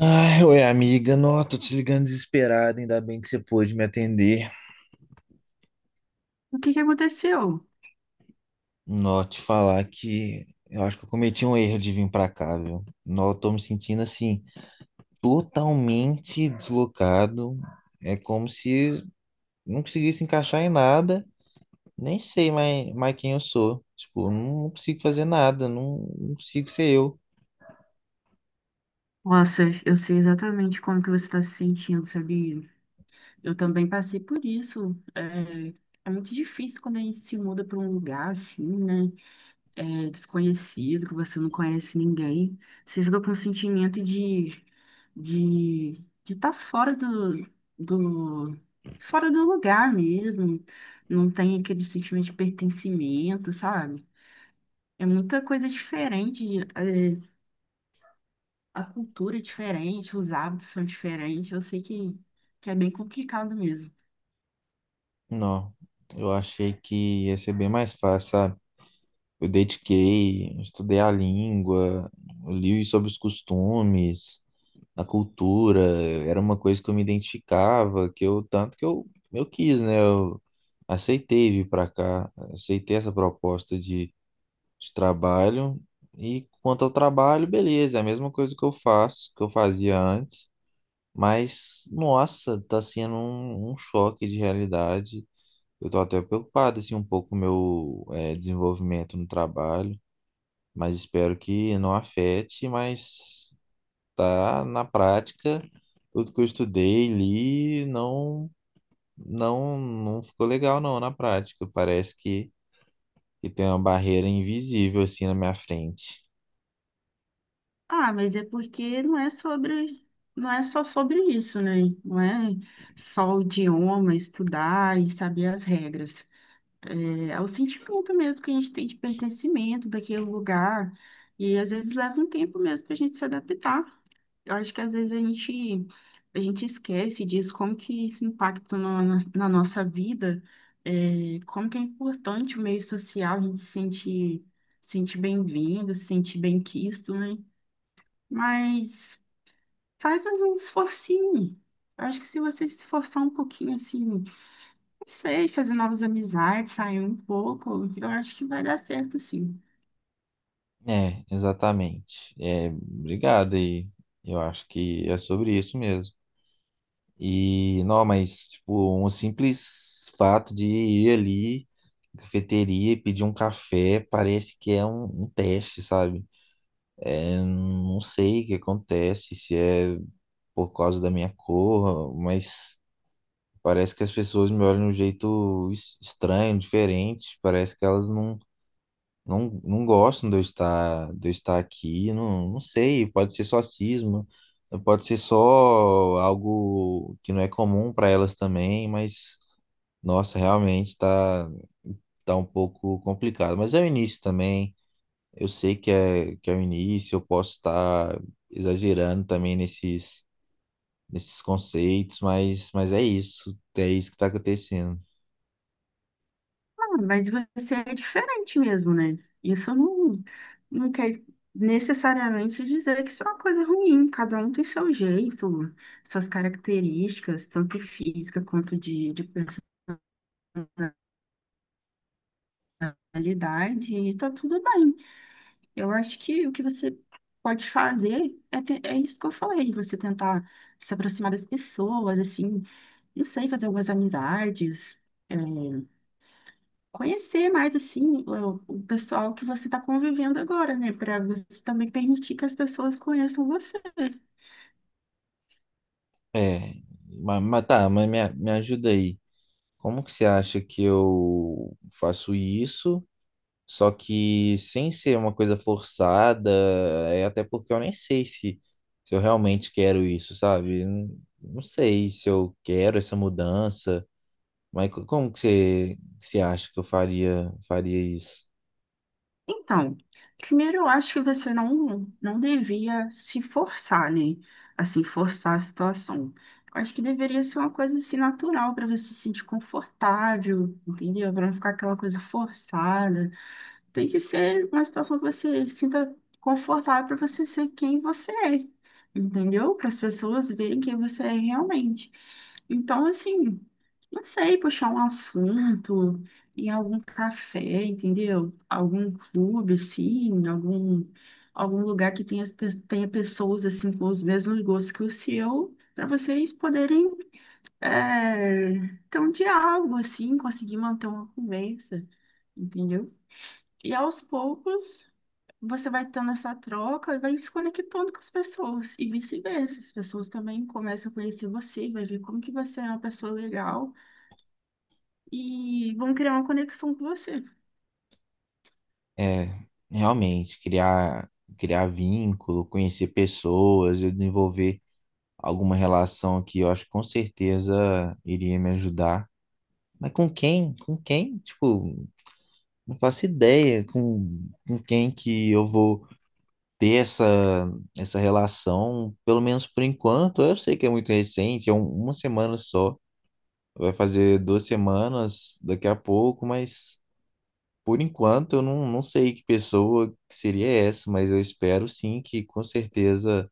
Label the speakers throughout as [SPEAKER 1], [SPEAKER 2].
[SPEAKER 1] Ai, oi, amiga. Nó, tô te ligando desesperado. Ainda bem que você pôde me atender.
[SPEAKER 2] O que que aconteceu?
[SPEAKER 1] Nó, te falar que eu acho que eu cometi um erro de vir pra cá, viu? Nó, eu tô me sentindo assim, totalmente deslocado. É como se não conseguisse encaixar em nada. Nem sei mais quem eu sou. Tipo, eu não consigo fazer nada. Não, não consigo ser eu.
[SPEAKER 2] Nossa, eu sei exatamente como que você está se sentindo, sabia? Eu também passei por isso. É muito difícil quando a gente se muda para um lugar assim, né? É, desconhecido, que você não conhece ninguém. Você fica com o sentimento de de estar fora do, fora do lugar mesmo. Não tem aquele sentimento de pertencimento, sabe? É muita coisa diferente, é, a cultura é diferente, os hábitos são diferentes. Eu sei que é bem complicado mesmo.
[SPEAKER 1] Nó, eu achei que ia ser bem mais fácil, sabe? Eu dediquei, estudei a língua, li sobre os costumes, a cultura, era uma coisa que eu me identificava, que eu tanto que eu quis, né? Eu aceitei vir para cá, aceitei essa proposta de trabalho. E quanto ao trabalho, beleza, é a mesma coisa que eu faço, que eu fazia antes, mas nossa, tá sendo um choque de realidade. Eu tô até preocupado assim um pouco com o meu desenvolvimento no trabalho, mas espero que não afete, mas tá na prática, tudo que eu estudei, li, não ficou legal não na prática. Parece que tem uma barreira invisível assim na minha frente.
[SPEAKER 2] Ah, mas é porque não é sobre, não é só sobre isso, né? Não é só o idioma, estudar e saber as regras. É o sentimento mesmo que a gente tem de pertencimento daquele lugar. E às vezes leva um tempo mesmo para a gente se adaptar. Eu acho que às vezes a gente esquece disso, como que isso impacta na nossa vida, é, como que é importante o meio social, a gente se sente, se sente bem-vindo, se sente bem-quisto, né? Mas faz um esforcinho. Eu acho que se você se esforçar um pouquinho, assim, não sei, fazer novas amizades, sair um pouco, eu acho que vai dar certo, sim.
[SPEAKER 1] É, exatamente. É, obrigado aí. Eu acho que é sobre isso mesmo. E não, mas, tipo, um simples fato de ir ali na cafeteria e pedir um café parece que é um teste, sabe? É, não sei o que acontece, se é por causa da minha cor, mas parece que as pessoas me olham de um jeito estranho, diferente. Parece que elas não gostam de eu estar aqui. Não, não sei, pode ser só cisma, pode ser só algo que não é comum para elas também, mas nossa, realmente tá um pouco complicado. Mas é o início também. Eu sei que é o início, eu posso estar exagerando também nesses conceitos, mas é isso que está acontecendo.
[SPEAKER 2] Ah, mas você é diferente mesmo, né? Isso não, não quer necessariamente dizer que isso é uma coisa ruim. Cada um tem seu jeito, suas características, tanto física quanto de personalidade, e tá tudo bem. Eu acho que o que você pode fazer é, é isso que eu falei, você tentar se aproximar das pessoas, assim, não sei, fazer algumas amizades. É, conhecer mais assim o pessoal que você está convivendo agora, né? Para você também permitir que as pessoas conheçam você.
[SPEAKER 1] É, mas me ajuda aí. Como que você acha que eu faço isso, só que sem ser uma coisa forçada, é até porque eu nem sei se eu realmente quero isso, sabe? Não, não sei se eu quero essa mudança. Mas que você acha que eu faria isso?
[SPEAKER 2] Então, primeiro eu acho que você não, não devia se forçar, né? Assim, forçar a situação. Eu acho que deveria ser uma coisa assim natural para você se sentir confortável, entendeu? Para não ficar aquela coisa forçada. Tem que ser uma situação que você se sinta confortável para você ser quem você é, entendeu? Para as pessoas verem quem você é realmente. Então, assim, não sei, puxar um assunto em algum café, entendeu? Algum clube, assim, algum, algum lugar que tenha, tenha pessoas, assim, com os mesmos gostos que o seu, para vocês poderem é, ter um diálogo, assim, conseguir manter uma conversa, entendeu? E aos poucos você vai tendo essa troca e vai se conectando com as pessoas. E vice-versa, as pessoas também começam a conhecer você, vai ver como que você é uma pessoa legal e vão criar uma conexão com você.
[SPEAKER 1] É, realmente, criar vínculo, conhecer pessoas, eu desenvolver alguma relação que eu acho que com certeza iria me ajudar. Mas com quem? Com quem? Tipo, não faço ideia com quem que eu vou ter essa relação, pelo menos por enquanto. Eu sei que é muito recente, é uma semana só. Vai fazer duas semanas daqui a pouco, mas. Por enquanto, eu não sei que pessoa que seria essa, mas eu espero sim que com certeza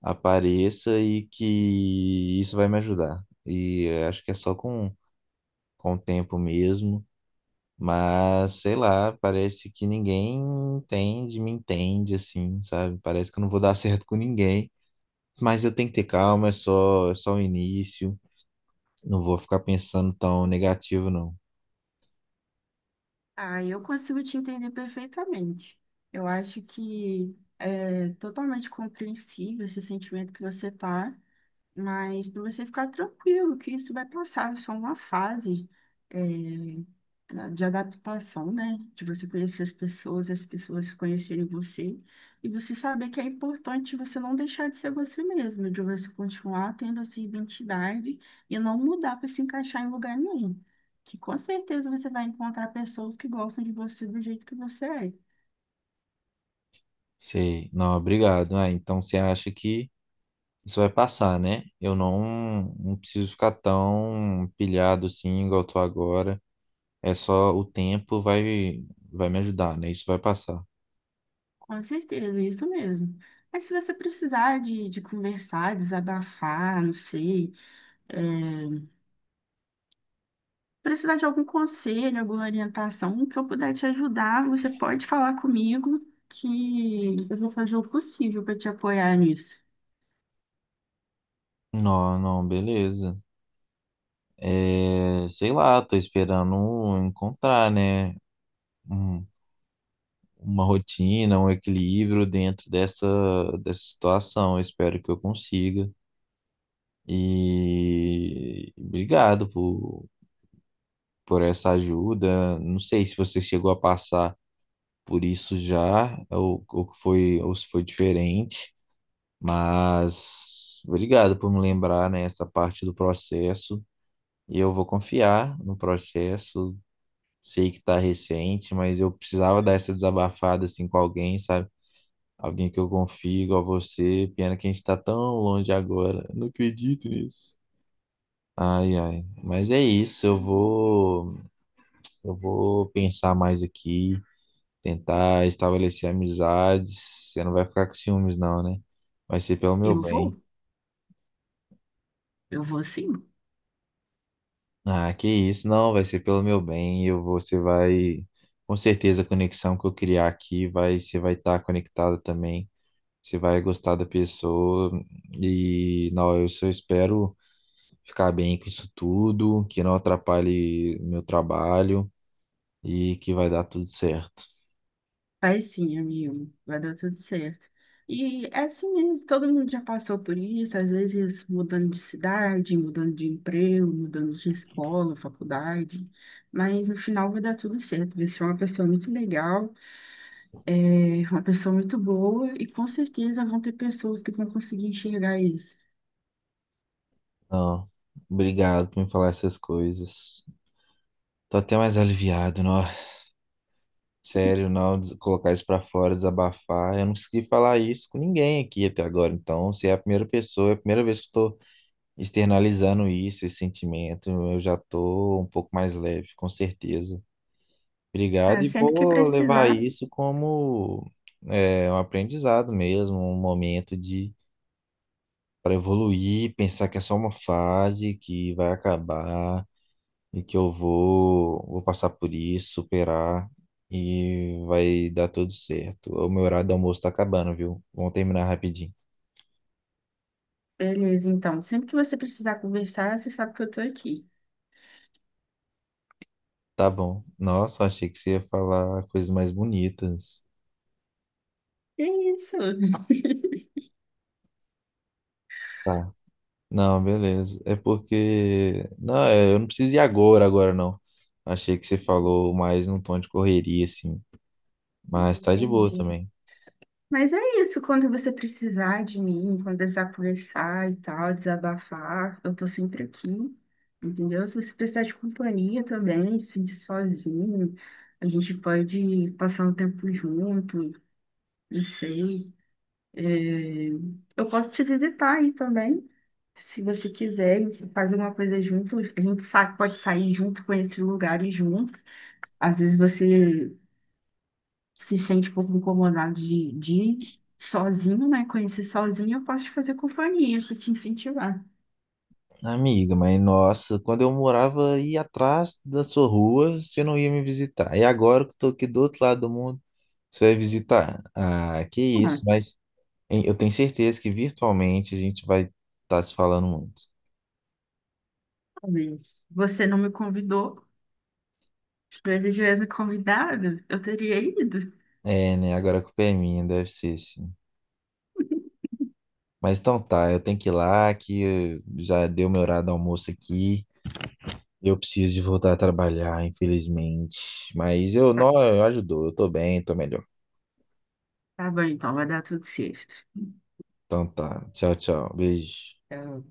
[SPEAKER 1] apareça e que isso vai me ajudar. E eu acho que é só com o tempo mesmo, mas sei lá, parece que ninguém me entende assim, sabe? Parece que eu não vou dar certo com ninguém, mas eu tenho que ter calma, é só o início, não vou ficar pensando tão negativo, não.
[SPEAKER 2] Ah, eu consigo te entender perfeitamente. Eu acho que é totalmente compreensível esse sentimento que você tá. Mas para você ficar tranquilo, que isso vai passar, é só uma fase é, de adaptação, né? De você conhecer as pessoas conhecerem você, e você saber que é importante você não deixar de ser você mesmo, de você continuar tendo a sua identidade e não mudar para se encaixar em lugar nenhum. Que com certeza você vai encontrar pessoas que gostam de você do jeito que você é.
[SPEAKER 1] Sei, não, obrigado. Ah, então você acha que isso vai passar, né? Eu não preciso ficar tão pilhado assim, igual eu tô agora. É só o tempo vai me ajudar, né? Isso vai passar.
[SPEAKER 2] Com certeza, é isso mesmo. Mas se você precisar de conversar, desabafar, não sei. É, precisar de algum conselho, alguma orientação, que eu puder te ajudar, você pode falar comigo que eu vou fazer o possível para te apoiar nisso.
[SPEAKER 1] Não, não, beleza. É, sei lá, tô esperando encontrar, né? um- uma rotina, um equilíbrio dentro dessa situação. Eu espero que eu consiga. E obrigado por essa ajuda. Não sei se você chegou a passar por isso já, ou que foi, ou se foi diferente, mas obrigado por me lembrar, né, essa parte do processo. E eu vou confiar no processo. Sei que tá recente, mas eu precisava dar essa desabafada assim com alguém, sabe? Alguém que eu confio, igual você. Pena que a gente tá tão longe agora. Não acredito nisso. Ai, ai. Mas é isso, eu vou pensar mais aqui. Tentar estabelecer amizades. Você não vai ficar com ciúmes, não, né? Vai ser pelo meu
[SPEAKER 2] Eu
[SPEAKER 1] bem.
[SPEAKER 2] vou, eu vou sim.
[SPEAKER 1] Ah, que isso, não, vai ser pelo meu bem. Você vai, com certeza, a conexão que eu criar aqui vai, você vai estar conectada também. Você vai gostar da pessoa e não, eu só espero ficar bem com isso tudo, que não atrapalhe meu trabalho e que vai dar tudo certo.
[SPEAKER 2] Vai sim, amigo, vai dar tudo certo. E é assim mesmo, todo mundo já passou por isso, às vezes mudando de cidade, mudando de emprego, mudando de escola, faculdade, mas no final vai dar tudo certo. Você é uma pessoa muito legal. É uma pessoa muito boa e com certeza vão ter pessoas que vão conseguir enxergar isso.
[SPEAKER 1] Não, obrigado por me falar essas coisas. Tô até mais aliviado, não. Sério, não, colocar isso pra fora, desabafar. Eu não consegui falar isso com ninguém aqui até agora. Então, você é a primeira pessoa, é a primeira vez que estou externalizando isso, esse sentimento. Eu já tô um pouco mais leve, com certeza. Obrigado,
[SPEAKER 2] Ah,
[SPEAKER 1] e
[SPEAKER 2] sempre que
[SPEAKER 1] vou levar
[SPEAKER 2] precisar,
[SPEAKER 1] isso como é, um aprendizado mesmo, um momento de para evoluir, pensar que é só uma fase que vai acabar e que vou passar por isso, superar e vai dar tudo certo. O meu horário do almoço tá acabando, viu? Vamos terminar rapidinho.
[SPEAKER 2] beleza, então. Sempre que você precisar conversar, você sabe que eu tô aqui.
[SPEAKER 1] Tá bom. Nossa, achei que você ia falar coisas mais bonitas.
[SPEAKER 2] É isso.
[SPEAKER 1] Tá. Não, beleza. É porque. Não, é, eu não preciso ir agora, agora não. Achei que você falou mais num tom de correria, assim. Mas tá de boa
[SPEAKER 2] Entendi.
[SPEAKER 1] também.
[SPEAKER 2] Mas é isso, quando você precisar de mim, quando precisar conversar e tal, desabafar, eu tô sempre aqui, entendeu? Se você precisar de companhia também, se sentir sozinho, a gente pode passar um tempo junto, não sei. É, eu posso te visitar aí também, se você quiser, a gente faz alguma coisa junto, a gente pode sair junto, conhecer lugares juntos. Às vezes você se sente um pouco incomodado de ir sozinho, né? Conhecer sozinho, eu posso te fazer companhia, para te incentivar.
[SPEAKER 1] Amiga, mas nossa, quando eu morava aí atrás da sua rua, você não ia me visitar. E agora que eu tô aqui do outro lado do mundo. Você vai visitar? Ah, que
[SPEAKER 2] Ah,
[SPEAKER 1] isso, mas hein, eu tenho certeza que virtualmente a gente vai estar se falando muito.
[SPEAKER 2] talvez você não me convidou, se você tivesse me convidado, eu teria ido.
[SPEAKER 1] É, né? Agora a culpa é minha, deve ser sim. Mas então tá, eu tenho que ir lá, que já deu meu horário do almoço aqui. Eu preciso de voltar a trabalhar, infelizmente. Mas eu
[SPEAKER 2] Tá,
[SPEAKER 1] não, eu ajudou, eu tô bem, tô melhor.
[SPEAKER 2] tá bom, então, vai dar tudo certo.
[SPEAKER 1] Então tá, tchau, tchau, beijo.
[SPEAKER 2] Então,